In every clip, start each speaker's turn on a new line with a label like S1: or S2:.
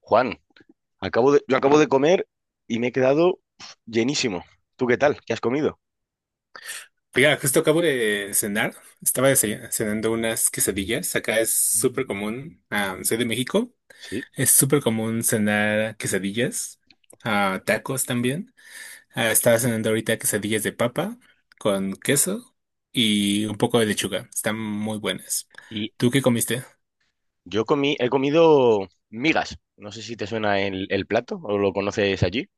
S1: Juan, yo acabo de comer y me he quedado llenísimo. ¿Tú qué tal? ¿Qué has comido?
S2: Mira, justo acabo de cenar. Estaba cenando unas quesadillas. Acá es súper
S1: Mm.
S2: común. Soy de México.
S1: Sí.
S2: Es súper común cenar quesadillas. Tacos también. Estaba cenando ahorita quesadillas de papa con queso y un poco de lechuga. Están muy buenas.
S1: Y
S2: ¿Tú qué comiste?
S1: yo he comido migas. No sé si te suena el plato o lo conoces allí.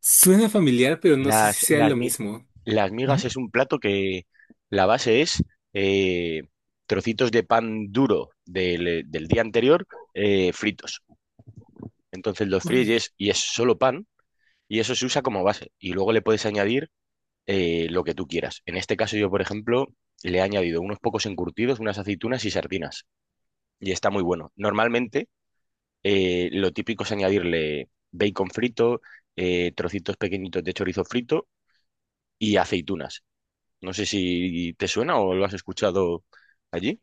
S2: Suena familiar, pero no sé
S1: Las,
S2: si sea
S1: las,
S2: lo
S1: mi-
S2: mismo.
S1: las migas
S2: Ujú.
S1: es un plato que la base es eh, trocitos de pan duro del día anterior fritos. Entonces los
S2: Órale.
S1: fríes y es solo pan, y eso se usa como base. Y luego le puedes añadir lo que tú quieras. En este caso yo, por ejemplo, le he añadido unos pocos encurtidos, unas aceitunas y sardinas. Y está muy bueno. Normalmente lo típico es añadirle bacon frito, trocitos pequeñitos de chorizo frito y aceitunas. No sé si te suena o lo has escuchado allí.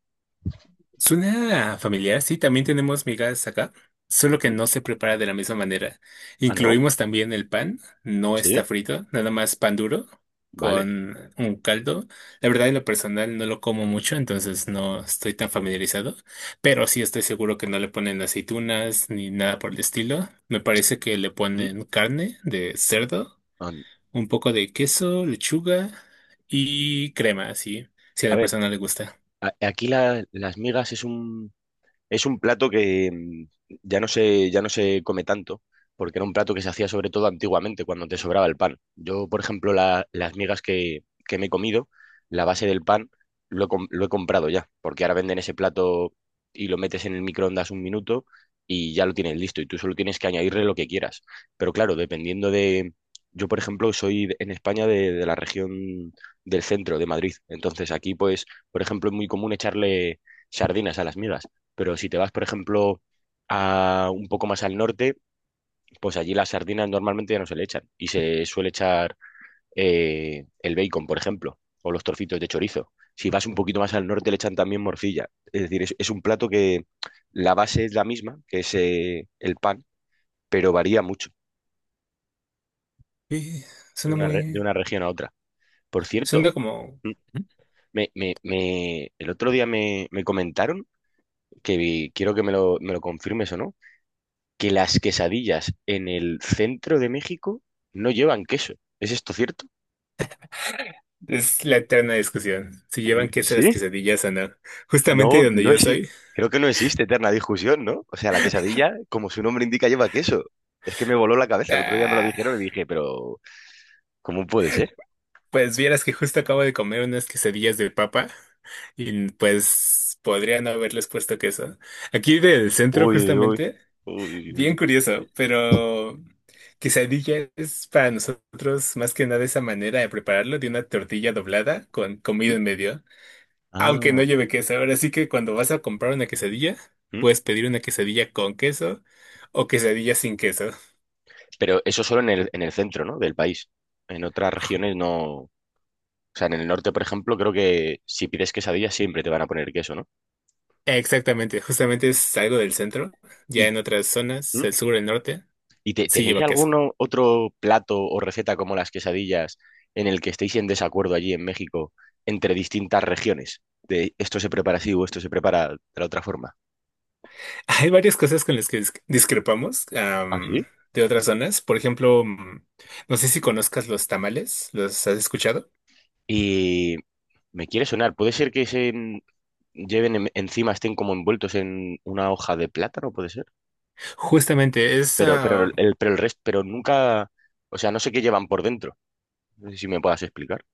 S2: Suena familiar, sí, también tenemos migas acá, solo que
S1: ¿Mm?
S2: no se prepara de la misma manera.
S1: Ah, no.
S2: Incluimos también el pan, no está
S1: Sí,
S2: frito, nada más pan duro
S1: vale.
S2: con un caldo. La verdad, en lo personal no lo como mucho, entonces no estoy tan familiarizado, pero sí estoy seguro que no le ponen aceitunas ni nada por el estilo. Me
S1: Es-
S2: parece que le
S1: ¿Mm?
S2: ponen carne de cerdo,
S1: Ah.
S2: un poco de queso, lechuga y crema, así, si a
S1: A
S2: la
S1: ver,
S2: persona le gusta.
S1: aquí las migas es un, Es un plato que ya no se come tanto, porque era un plato que se hacía sobre todo antiguamente, cuando te sobraba el pan. Yo, por ejemplo, las migas que me he comido, la base del pan, lo he comprado ya, porque ahora venden ese plato y lo metes en el microondas un minuto y ya lo tienes listo, y tú solo tienes que añadirle lo que quieras. Pero claro, dependiendo de... Yo, por ejemplo, en España de la región del centro, de Madrid. Entonces aquí, pues, por ejemplo, es muy común echarle sardinas a las migas. Pero si te vas, por ejemplo, a un poco más al norte, pues allí las sardinas normalmente ya no se le echan y se suele echar el bacon, por ejemplo, o los trocitos de chorizo. Si vas un poquito más al norte, le echan también morcilla. Es decir, es un plato que la base es la misma, que es el pan, pero varía mucho
S2: Y
S1: de
S2: suena
S1: de
S2: muy...
S1: una región a otra. Por
S2: Suena
S1: cierto,
S2: como...
S1: mm, el otro día me comentaron quiero que me me lo confirmes o no, que las quesadillas en el centro de México no llevan queso. ¿Es esto cierto?
S2: Es la eterna discusión: si llevan queso las
S1: Sí.
S2: quesadillas o no. Justamente
S1: No,
S2: de donde
S1: no
S2: yo
S1: existe.
S2: soy.
S1: Creo que no existe eterna discusión, ¿no? O sea, la quesadilla, como su nombre indica, lleva queso. Es que me voló la cabeza. El otro día me lo
S2: Ah,
S1: dijeron y dije, pero ¿cómo puede ser?
S2: pues vieras que justo acabo de comer unas quesadillas de papa y pues podría no haberles puesto queso. Aquí del centro
S1: Uy, uy, uy.
S2: justamente,
S1: Uy, uy,
S2: bien
S1: uy.
S2: curioso, pero quesadilla es para nosotros más que nada esa manera de prepararlo: de una tortilla doblada con comida
S1: ¿Mm?
S2: en medio. Aunque no
S1: Ah.
S2: lleve queso. Ahora sí que cuando vas a comprar una quesadilla,
S1: ¿Mm?
S2: puedes pedir una quesadilla con queso o quesadilla sin queso.
S1: Pero eso solo en en el centro, ¿no? Del país. En otras regiones no. O sea, en el norte, por ejemplo, creo que si pides quesadilla siempre te van a poner queso, ¿no?
S2: Exactamente, justamente es algo del centro. Ya
S1: Y,
S2: en otras zonas,
S1: ¿mm?
S2: el sur, el norte,
S1: ¿Y
S2: sí
S1: tenéis
S2: lleva queso.
S1: algún otro plato o receta como las quesadillas en el que estéis en desacuerdo allí en México entre distintas regiones? De esto se prepara así o esto se prepara de la otra forma.
S2: Hay varias cosas con las que discrepamos
S1: ¿Ah, sí?
S2: de otras zonas. Por ejemplo, no sé si conozcas los tamales, ¿los has escuchado?
S1: Y me quiere sonar, ¿puede ser que lleven encima, estén como envueltos en una hoja de plátano, puede ser?
S2: Justamente, es...
S1: Pero el resto, pero nunca, o sea, no sé qué llevan por dentro. No sé si me puedas explicar,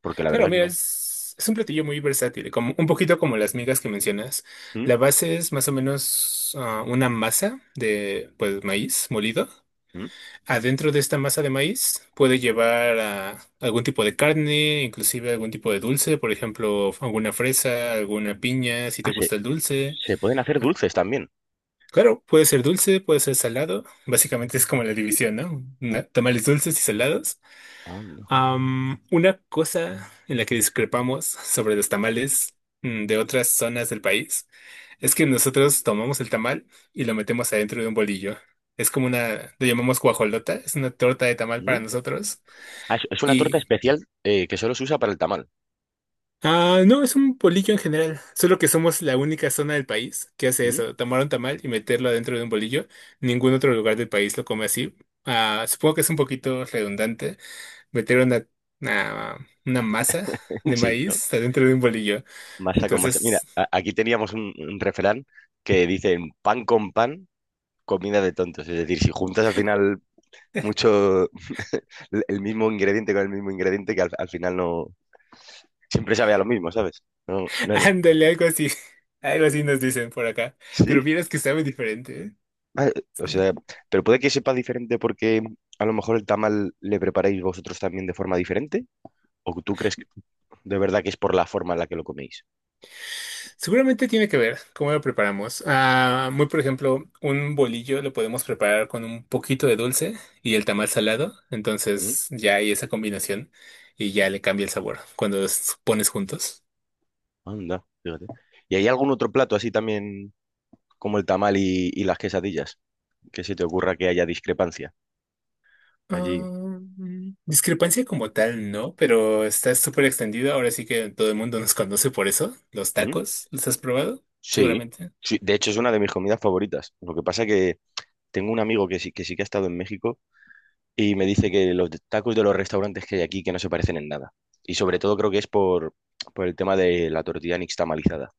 S1: porque la
S2: Claro,
S1: verdad que
S2: mira,
S1: no.
S2: es un platillo muy versátil, como un poquito como las migas que mencionas.
S1: ¿Mm?
S2: La base es más o menos una masa de, pues, maíz molido.
S1: ¿Mm?
S2: Adentro de esta masa de maíz puede llevar algún tipo de carne, inclusive algún tipo de dulce, por ejemplo, alguna fresa, alguna piña, si te
S1: Ah,
S2: gusta el dulce.
S1: se pueden hacer dulces también.
S2: Claro, puede ser dulce, puede ser salado. Básicamente es como la división, ¿no? Tamales dulces y salados.
S1: Oh, no.
S2: Una cosa en la que discrepamos sobre los tamales de otras zonas del país es que nosotros tomamos el tamal y lo metemos adentro de un bolillo. Es como una... lo llamamos guajolota, es una torta de tamal para nosotros.
S1: Ah, es una torta
S2: Y,
S1: especial que solo se usa para el tamal.
S2: no, es un bolillo en general, solo que somos la única zona del país que hace
S1: ¿Mm?
S2: eso: tomar un tamal y meterlo adentro de un bolillo. Ningún otro lugar del país lo come así. Ah, supongo que es un poquito redundante meter una, una masa de
S1: Sí, ¿no?
S2: maíz adentro de un bolillo.
S1: Masa con masa. Mira,
S2: Entonces,
S1: aquí teníamos un refrán que dice pan con pan, comida de tontos. Es decir, si juntas al final mucho el mismo ingrediente con el mismo ingrediente, que al final no siempre sabe a lo mismo, ¿sabes? No, no-
S2: ándale, algo así. Algo así nos dicen por acá. Pero
S1: ¿Sí?
S2: vieras que sabe diferente, ¿eh?
S1: Ah, o
S2: Sí.
S1: sea, pero puede que sepa diferente porque a lo mejor el tamal le preparáis vosotros también de forma diferente, o tú crees que- de verdad que es por la forma en la que lo coméis.
S2: Seguramente tiene que ver cómo lo preparamos. Muy por ejemplo, un bolillo lo podemos preparar con un poquito de dulce y el tamal salado.
S1: ¿Mm?
S2: Entonces ya hay esa combinación y ya le cambia el sabor cuando los pones juntos.
S1: Anda, fíjate. ¿Y hay algún otro plato así también como el tamal y las quesadillas? Que se te ocurra que haya discrepancia
S2: Ah,
S1: allí.
S2: discrepancia como tal, no, pero está súper extendido. Ahora sí que todo el mundo nos conoce por eso. Los
S1: ¿Mm?
S2: tacos, ¿los has probado?
S1: Sí,
S2: Seguramente.
S1: sí. De hecho, es una de mis comidas favoritas. Lo que pasa que tengo un amigo que sí que ha estado en México y me dice que los tacos de los restaurantes que hay aquí que no se parecen en nada. Y sobre todo creo que es por el tema de la tortilla nixtamalizada,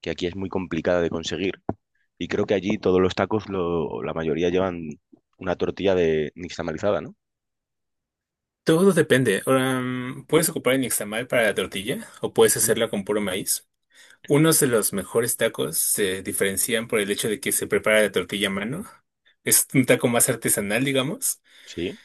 S1: que aquí es muy complicada de conseguir. Y creo que allí todos los tacos, la mayoría llevan una tortilla de nixtamalizada, ¿no?
S2: Todo depende. Ahora, puedes ocupar el nixtamal para la tortilla o puedes
S1: ¿Mm?
S2: hacerla con puro maíz. Unos de los mejores tacos se diferencian por el hecho de que se prepara la tortilla a mano. Es un taco más artesanal, digamos.
S1: Sí.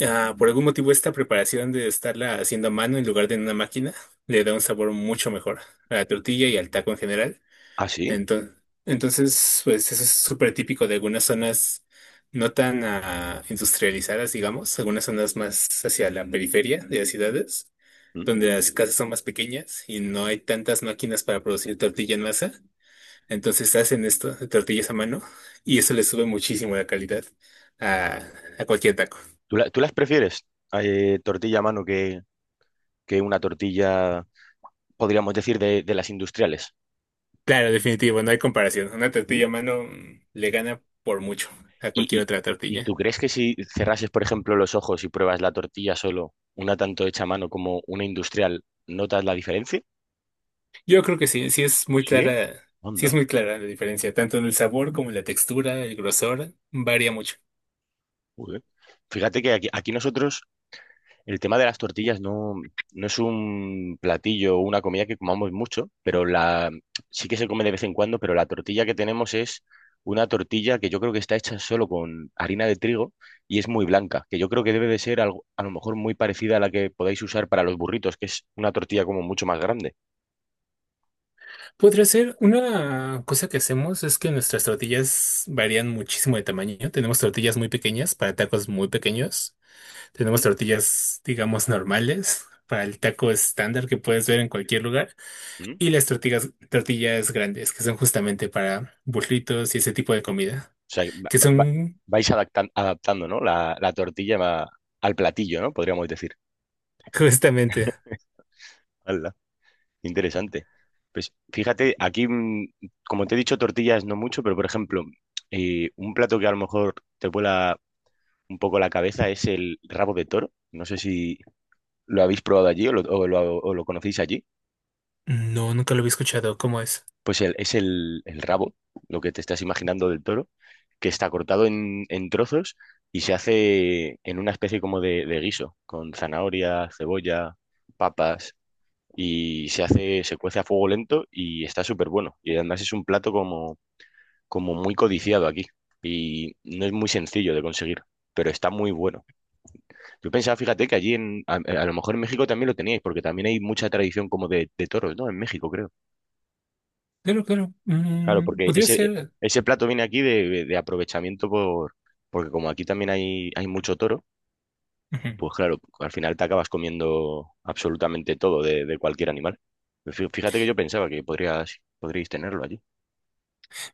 S2: Ah, por algún motivo esta preparación de estarla haciendo a mano en lugar de en una máquina le da un sabor mucho mejor a la tortilla y al taco en general.
S1: Ah, sí.
S2: Entonces, entonces pues eso es súper típico de algunas zonas no tan industrializadas, digamos, algunas zonas más hacia la periferia de las ciudades,
S1: Mm.
S2: donde las casas son más pequeñas y no hay tantas máquinas para producir tortilla en masa. Entonces hacen esto, tortillas a mano, y eso le sube muchísimo la calidad a, a cualquier taco.
S1: ¿Tú, tú las prefieres? Tortilla a mano que una tortilla, podríamos decir, de las industriales.
S2: Claro, definitivo, no hay comparación. Una
S1: ¿Mm?
S2: tortilla a mano le gana por mucho a
S1: ¿Y,
S2: cualquier
S1: y,
S2: otra
S1: ¿y tú
S2: tortilla.
S1: crees que si cerrases, por ejemplo, los ojos y pruebas la tortilla solo, una tanto hecha a mano como una industrial, notas la diferencia?
S2: Yo creo que sí, sí es muy
S1: Sí.
S2: clara, sí es
S1: Anda.
S2: muy clara la diferencia, tanto en el sabor como en la textura; el grosor varía mucho.
S1: Joder. Fíjate que aquí nosotros el tema de las tortillas no, no es un platillo o una comida que comamos mucho, pero la sí que se come de vez en cuando, pero la tortilla que tenemos es una tortilla que yo creo que está hecha solo con harina de trigo y es muy blanca, que yo creo que debe de ser algo, a lo mejor muy parecida a la que podáis usar para los burritos, que es una tortilla como mucho más grande.
S2: Podría ser. Una cosa que hacemos es que nuestras tortillas varían muchísimo de tamaño. Tenemos tortillas muy pequeñas para tacos muy pequeños. Tenemos
S1: ¿Mm?
S2: tortillas, digamos, normales para el taco estándar que puedes ver en cualquier lugar.
S1: ¿Mm?
S2: Y
S1: O
S2: las tortillas, tortillas grandes, que son justamente para burritos y ese tipo de comida,
S1: sea, va-
S2: que
S1: va- va-
S2: son
S1: vais adaptan- adaptando, ¿no? La tortilla al platillo, ¿no? Podríamos decir.
S2: justamente...
S1: Interesante. Pues fíjate, aquí, como te he dicho, tortillas no mucho, pero por ejemplo, un plato que a lo mejor te vuela un poco la cabeza es el rabo de toro. No sé si lo habéis probado allí o o lo conocéis allí.
S2: No, nunca lo había escuchado. ¿Cómo es?
S1: Pues es el rabo, lo que te estás imaginando del toro, que está cortado en trozos y se hace en una especie como de guiso, con zanahoria, cebolla, papas. Y se hace, se cuece a fuego lento y está súper bueno. Y además es un plato como, como muy codiciado aquí y no es muy sencillo de conseguir, pero está muy bueno. Yo pensaba, fíjate, que allí en, a lo mejor en México también lo teníais, porque también hay mucha tradición como de toros, ¿no? En México, creo.
S2: Claro, claro.
S1: Claro, porque
S2: Podría ser...
S1: ese plato viene aquí de aprovechamiento por, porque como aquí también hay mucho toro,
S2: Ujú.
S1: pues claro, al final te acabas comiendo absolutamente todo de cualquier animal. Fíjate que yo pensaba que podríais tenerlo allí.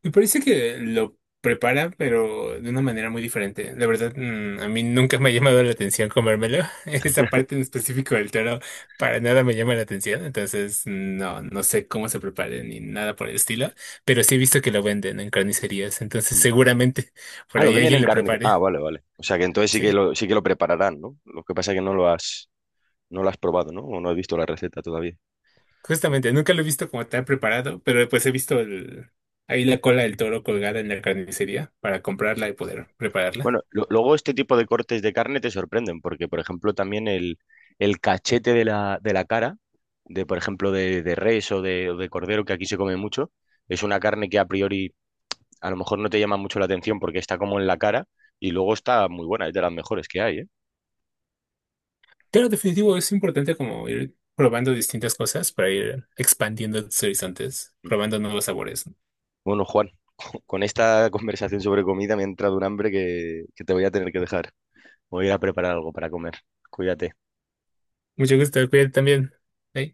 S2: Me parece que lo prepara, pero de una manera muy diferente. La verdad, a mí nunca me ha llamado la atención comérmelo. Esa parte en específico del toro para nada me llama la atención. Entonces, no, no sé cómo se prepare ni nada por el estilo. Pero sí he visto que lo venden en carnicerías. Entonces,
S1: Mm.
S2: seguramente por
S1: Ah, lo
S2: ahí
S1: venden
S2: alguien
S1: en
S2: lo
S1: carne.
S2: prepare.
S1: Ah, vale, vale. O sea que entonces sí que
S2: Sí,
S1: sí que lo prepararán, ¿no? Lo que pasa es que no lo has probado, ¿no? O no has visto la receta todavía.
S2: justamente, nunca lo he visto como tal preparado, pero pues he visto ahí la cola del toro colgada en la carnicería para comprarla y poder prepararla.
S1: Bueno, luego este tipo de cortes de carne te sorprenden, porque por ejemplo también el cachete de de la cara, de por ejemplo de res o de cordero, que aquí se come mucho, es una carne que a priori a lo mejor no te llama mucho la atención porque está como en la cara y luego está muy buena, es de las mejores que hay, ¿eh?
S2: Pero definitivo es importante como ir probando distintas cosas para ir expandiendo tus horizontes, probando nuevos sabores.
S1: Bueno, Juan, con esta conversación sobre comida me ha entrado un hambre que te voy a tener que dejar. Voy a ir a preparar algo para comer. Cuídate.
S2: Mucho gusto, cuídate también. Bye.